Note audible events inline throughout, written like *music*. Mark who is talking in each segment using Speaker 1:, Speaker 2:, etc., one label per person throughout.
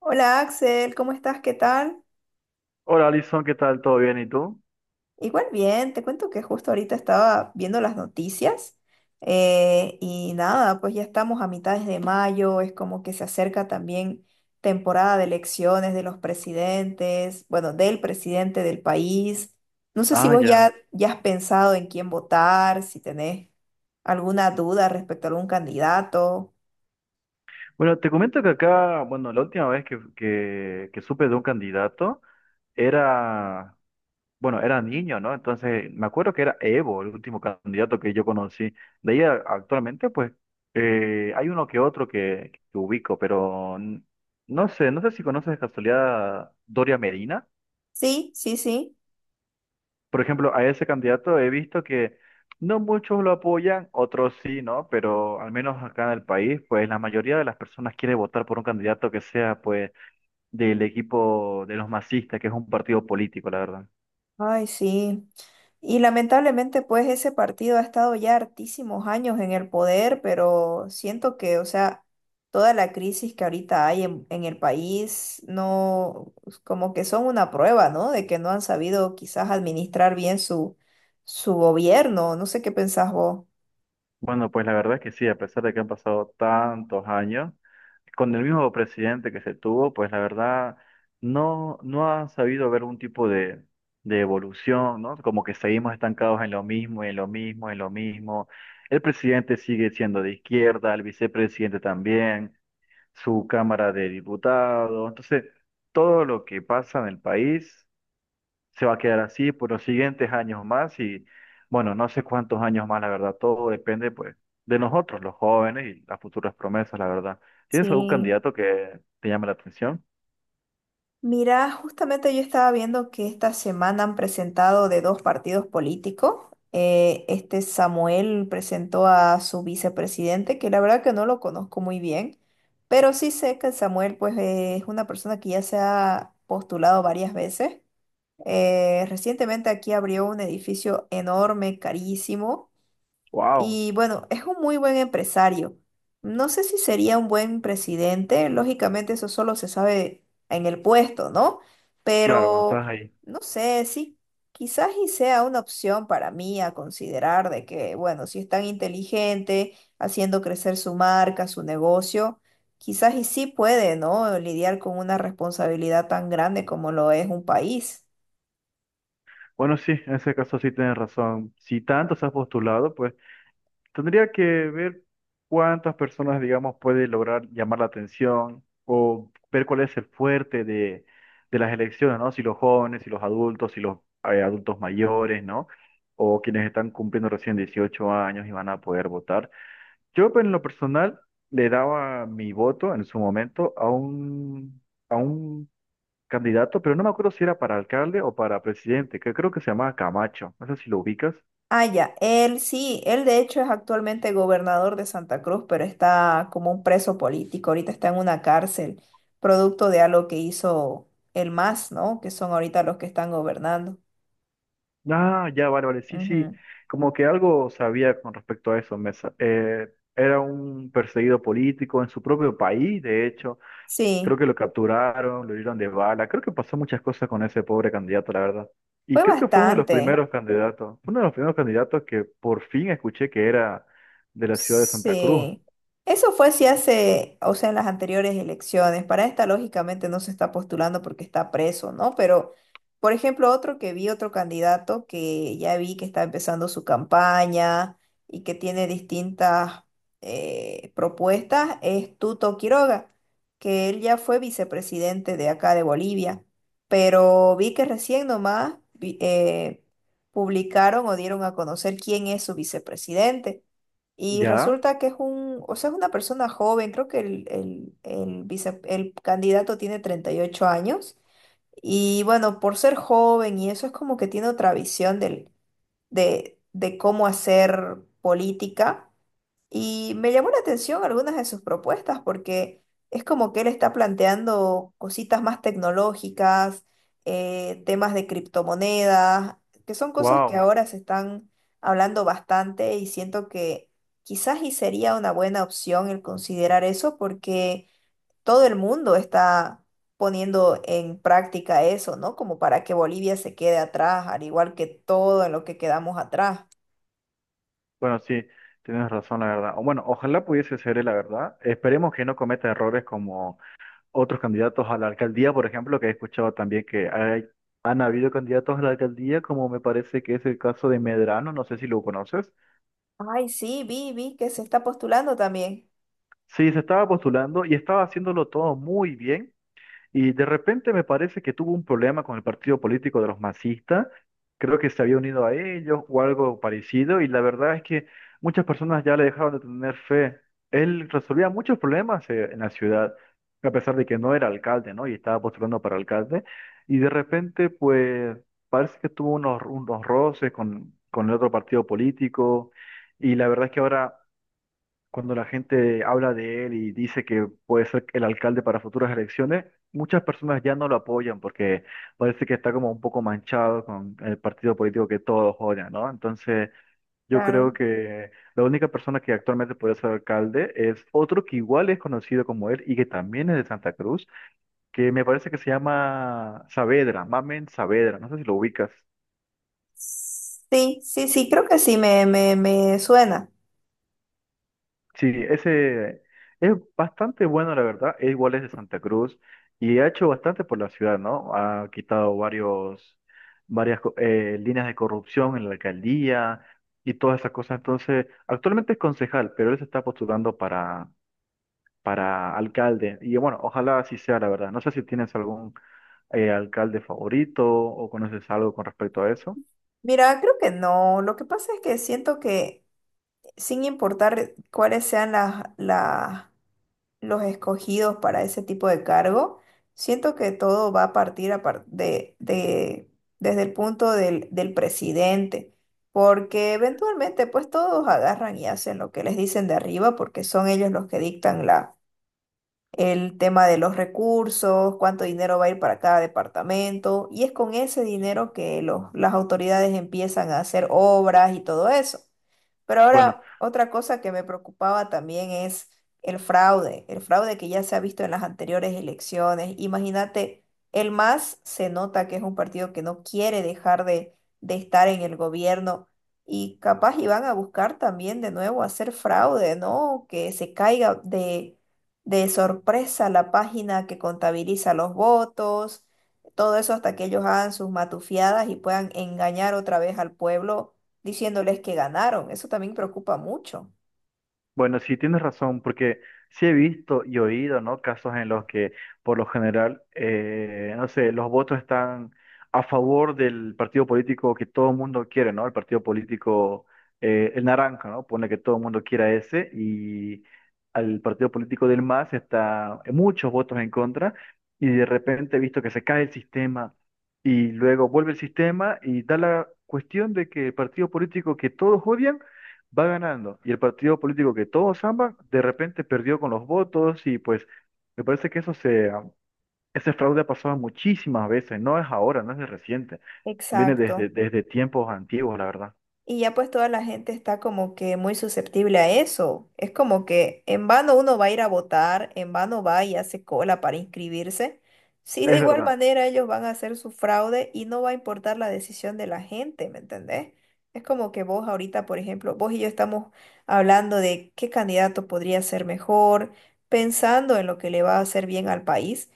Speaker 1: Hola Axel, ¿cómo estás? ¿Qué tal?
Speaker 2: Hola Alison, ¿qué tal? ¿Todo bien? ¿Y tú?
Speaker 1: Igual bien, te cuento que justo ahorita estaba viendo las noticias y nada, pues ya estamos a mitades de mayo, es como que se acerca también temporada de elecciones de los presidentes, bueno, del presidente del país. No sé si
Speaker 2: Ah,
Speaker 1: vos
Speaker 2: ya.
Speaker 1: ya has pensado en quién votar, si tenés alguna duda respecto a algún candidato.
Speaker 2: Bueno, te comento que acá, bueno, la última vez que supe de un candidato era, bueno, era niño, ¿no? Entonces, me acuerdo que era Evo, el último candidato que yo conocí. De ahí actualmente, pues, hay uno que otro que ubico, pero no sé, no sé si conoces de casualidad a Doria Medina.
Speaker 1: Sí, sí, sí.
Speaker 2: Por ejemplo, a ese candidato he visto que no muchos lo apoyan, otros sí, ¿no? Pero al menos acá en el país, pues la mayoría de las personas quiere votar por un candidato que sea, pues, del equipo de los masistas, que es un partido político, la verdad.
Speaker 1: Ay, sí. Y lamentablemente, pues ese partido ha estado ya hartísimos años en el poder, pero siento que, o sea, toda la crisis que ahorita hay en el país, no, pues, como que son una prueba, ¿no? De que no han sabido quizás administrar bien su gobierno. No sé qué pensás vos.
Speaker 2: Bueno, pues la verdad es que sí, a pesar de que han pasado tantos años, con el mismo presidente que se tuvo, pues la verdad no ha sabido haber un tipo de evolución, ¿no? Como que seguimos estancados en lo mismo, en lo mismo, en lo mismo. El presidente sigue siendo de izquierda, el vicepresidente también, su Cámara de Diputados. Entonces, todo lo que pasa en el país se va a quedar así por los siguientes años más y bueno, no sé cuántos años más, la verdad, todo depende pues de nosotros, los jóvenes y las futuras promesas, la verdad. ¿Tienes algún
Speaker 1: Sí.
Speaker 2: candidato que te llame la atención?
Speaker 1: Mira, justamente yo estaba viendo que esta semana han presentado de dos partidos políticos. Este Samuel presentó a su vicepresidente, que la verdad que no lo conozco muy bien, pero sí sé que Samuel pues es una persona que ya se ha postulado varias veces. Recientemente aquí abrió un edificio enorme, carísimo,
Speaker 2: Wow,
Speaker 1: y bueno, es un muy buen empresario. No sé si sería un buen presidente, lógicamente eso solo se sabe en el puesto, ¿no?
Speaker 2: claro, cuando estás
Speaker 1: Pero
Speaker 2: ahí.
Speaker 1: no sé, sí, quizás y sea una opción para mí a considerar de que, bueno, si es tan inteligente, haciendo crecer su marca, su negocio, quizás y sí puede, ¿no? Lidiar con una responsabilidad tan grande como lo es un país.
Speaker 2: Bueno, sí, en ese caso sí tienes razón. Si tanto se has postulado, pues tendría que ver cuántas personas, digamos, puede lograr llamar la atención o ver cuál es el fuerte de las elecciones, ¿no? Si los jóvenes, si los adultos, si los adultos mayores, ¿no? O quienes están cumpliendo recién 18 años y van a poder votar. Yo, pues, en lo personal, le daba mi voto en su momento a un candidato, pero no me acuerdo si era para alcalde o para presidente, que creo que se llamaba Camacho. No sé si lo ubicas.
Speaker 1: Ah, ya, él sí, él de hecho es actualmente gobernador de Santa Cruz, pero está como un preso político, ahorita está en una cárcel, producto de algo que hizo el MAS, ¿no? Que son ahorita los que están gobernando.
Speaker 2: Ah, ya, vale, vale, sí, sí,
Speaker 1: Ujú.
Speaker 2: como que algo sabía con respecto a eso, Mesa. Era un perseguido político en su propio país, de hecho, creo
Speaker 1: Sí,
Speaker 2: que lo capturaron, lo hirieron de bala, creo que pasó muchas cosas con ese pobre candidato, la verdad. Y
Speaker 1: fue
Speaker 2: creo que fue uno de los
Speaker 1: bastante.
Speaker 2: primeros candidatos, uno de los primeros candidatos que por fin escuché que era de la ciudad de Santa Cruz.
Speaker 1: Sí, eso fue si hace, o sea, en las anteriores elecciones. Para esta, lógicamente, no se está postulando porque está preso, ¿no? Pero, por ejemplo, otro que vi, otro candidato que ya vi que está empezando su campaña y que tiene distintas propuestas es Tuto Quiroga, que él ya fue vicepresidente de acá de Bolivia, pero vi que recién nomás publicaron o dieron a conocer quién es su vicepresidente. Y
Speaker 2: ¿Ya?
Speaker 1: resulta que es un, o sea, es una persona joven, creo que el el candidato tiene 38 años. Y bueno, por ser joven y eso es como que tiene otra visión de cómo hacer política. Y me llamó la atención algunas de sus propuestas porque es como que él está planteando cositas más tecnológicas, temas de criptomonedas, que son cosas que
Speaker 2: Wow.
Speaker 1: ahora se están hablando bastante y siento que quizás y sería una buena opción el considerar eso porque todo el mundo está poniendo en práctica eso, ¿no? Como para que Bolivia se quede atrás, al igual que todo en lo que quedamos atrás.
Speaker 2: Bueno, sí, tienes razón, la verdad. O bueno, ojalá pudiese ser él, la verdad. Esperemos que no cometa errores como otros candidatos a la alcaldía, por ejemplo, que he escuchado también que hay, han habido candidatos a la alcaldía, como me parece que es el caso de Medrano, no sé si lo conoces.
Speaker 1: Ay, sí, vi que se está postulando también.
Speaker 2: Sí, se estaba postulando y estaba haciéndolo todo muy bien. Y de repente me parece que tuvo un problema con el partido político de los masistas. Creo que se había unido a ellos o algo parecido. Y la verdad es que muchas personas ya le dejaron de tener fe. Él resolvía muchos problemas en la ciudad, a pesar de que no era alcalde, ¿no? Y estaba postulando para alcalde. Y de repente, pues, parece que tuvo unos, unos roces con el otro partido político. Y la verdad es que ahora cuando la gente habla de él y dice que puede ser el alcalde para futuras elecciones, muchas personas ya no lo apoyan porque parece que está como un poco manchado con el partido político que todos odian, ¿no? Entonces, yo creo
Speaker 1: Claro.
Speaker 2: que la única persona que actualmente puede ser alcalde es otro que igual es conocido como él y que también es de Santa Cruz, que me parece que se llama Saavedra, Mamen Saavedra, no sé si lo ubicas.
Speaker 1: Sí, sí, sí, creo que sí, me suena.
Speaker 2: Sí, ese es bastante bueno, la verdad. Es igual es de Santa Cruz y ha hecho bastante por la ciudad, ¿no? Ha quitado varios, varias líneas de corrupción en la alcaldía y todas esas cosas. Entonces, actualmente es concejal, pero él se está postulando para alcalde. Y bueno, ojalá así sea, la verdad. No sé si tienes algún alcalde favorito o conoces algo con respecto a eso.
Speaker 1: Mira, creo que no. Lo que pasa es que siento que sin importar cuáles sean los escogidos para ese tipo de cargo, siento que todo va a partir a par- de- desde el punto del presidente, porque eventualmente pues todos agarran y hacen lo que les dicen de arriba porque son ellos los que dictan el tema de los recursos, cuánto dinero va a ir para cada departamento, y es con ese dinero que las autoridades empiezan a hacer obras y todo eso. Pero
Speaker 2: Bueno,
Speaker 1: ahora, otra cosa que me preocupaba también es el fraude que ya se ha visto en las anteriores elecciones. Imagínate, el MAS se nota que es un partido que no quiere de estar en el gobierno y capaz iban a buscar también de nuevo hacer fraude, ¿no? Que se caiga de sorpresa la página que contabiliza los votos, todo eso hasta que ellos hagan sus matufiadas y puedan engañar otra vez al pueblo diciéndoles que ganaron. Eso también preocupa mucho.
Speaker 2: bueno, sí tienes razón, porque sí he visto y oído, ¿no? Casos en los que, por lo general, no sé, los votos están a favor del partido político que todo el mundo quiere, ¿no? El partido político, el naranja, ¿no? Pone que todo el mundo quiera ese y al partido político del más está muchos votos en contra y de repente he visto que se cae el sistema y luego vuelve el sistema y da la cuestión de que el partido político que todos odian va ganando y el partido político que todos aman, de repente perdió con los votos y pues me parece que eso se, ese fraude ha pasado muchísimas veces, no es ahora, no es de reciente, viene
Speaker 1: Exacto.
Speaker 2: desde, desde tiempos antiguos, la verdad.
Speaker 1: Y ya pues toda la gente está como que muy susceptible a eso. Es como que en vano uno va a ir a votar, en vano va y hace cola para inscribirse. Si de
Speaker 2: Es
Speaker 1: igual
Speaker 2: verdad.
Speaker 1: manera ellos van a hacer su fraude y no va a importar la decisión de la gente, ¿me entendés? Es como que vos ahorita, por ejemplo, vos y yo estamos hablando de qué candidato podría ser mejor, pensando en lo que le va a hacer bien al país,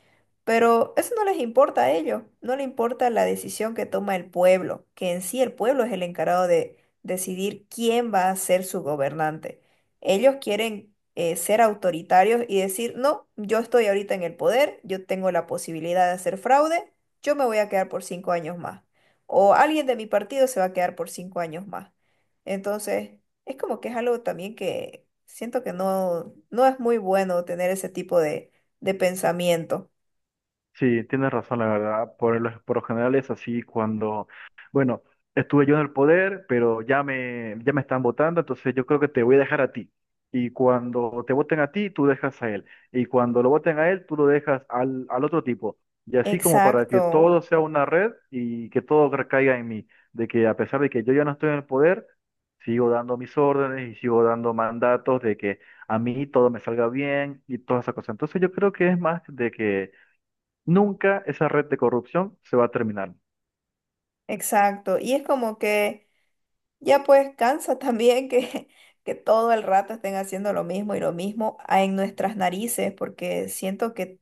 Speaker 1: pero eso no les importa a ellos, no les importa la decisión que toma el pueblo, que en sí el pueblo es el encargado de decidir quién va a ser su gobernante. Ellos quieren ser autoritarios y decir, no, yo estoy ahorita en el poder, yo tengo la posibilidad de hacer fraude, yo me voy a quedar por 5 años más. O alguien de mi partido se va a quedar por cinco años más. Entonces, es como que es algo también que siento que no, no es muy bueno tener ese tipo de pensamiento.
Speaker 2: Sí, tienes razón, la verdad. Por lo general es así cuando, bueno, estuve yo en el poder, pero ya me están votando, entonces yo creo que te voy a dejar a ti. Y cuando te voten a ti, tú dejas a él. Y cuando lo voten a él, tú lo dejas al, al otro tipo. Y así como para que
Speaker 1: Exacto,
Speaker 2: todo sea una red y que todo recaiga en mí. De que a pesar de que yo ya no estoy en el poder, sigo dando mis órdenes y sigo dando mandatos de que a mí todo me salga bien y todas esas cosas. Entonces yo creo que es más de que nunca esa red de corrupción se va a terminar.
Speaker 1: exacto. Y es como que... Ya pues cansa *laughs* también que todo el rato estén haciendo lo mismo y lo mismo en nuestras narices, porque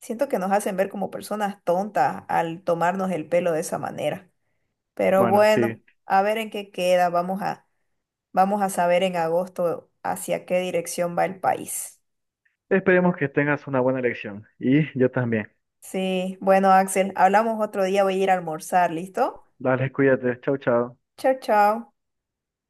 Speaker 1: siento que nos hacen ver como personas tontas al tomarnos el pelo de esa manera. Pero
Speaker 2: Bueno,
Speaker 1: bueno,
Speaker 2: sí.
Speaker 1: a ver en qué queda. Vamos a saber en agosto hacia qué dirección va el país.
Speaker 2: Esperemos que tengas una buena elección. Y yo también.
Speaker 1: Sí, bueno, Axel, hablamos otro día, voy a ir a almorzar, ¿listo?
Speaker 2: Dale, cuídate. Chau, chau.
Speaker 1: Chao, chao.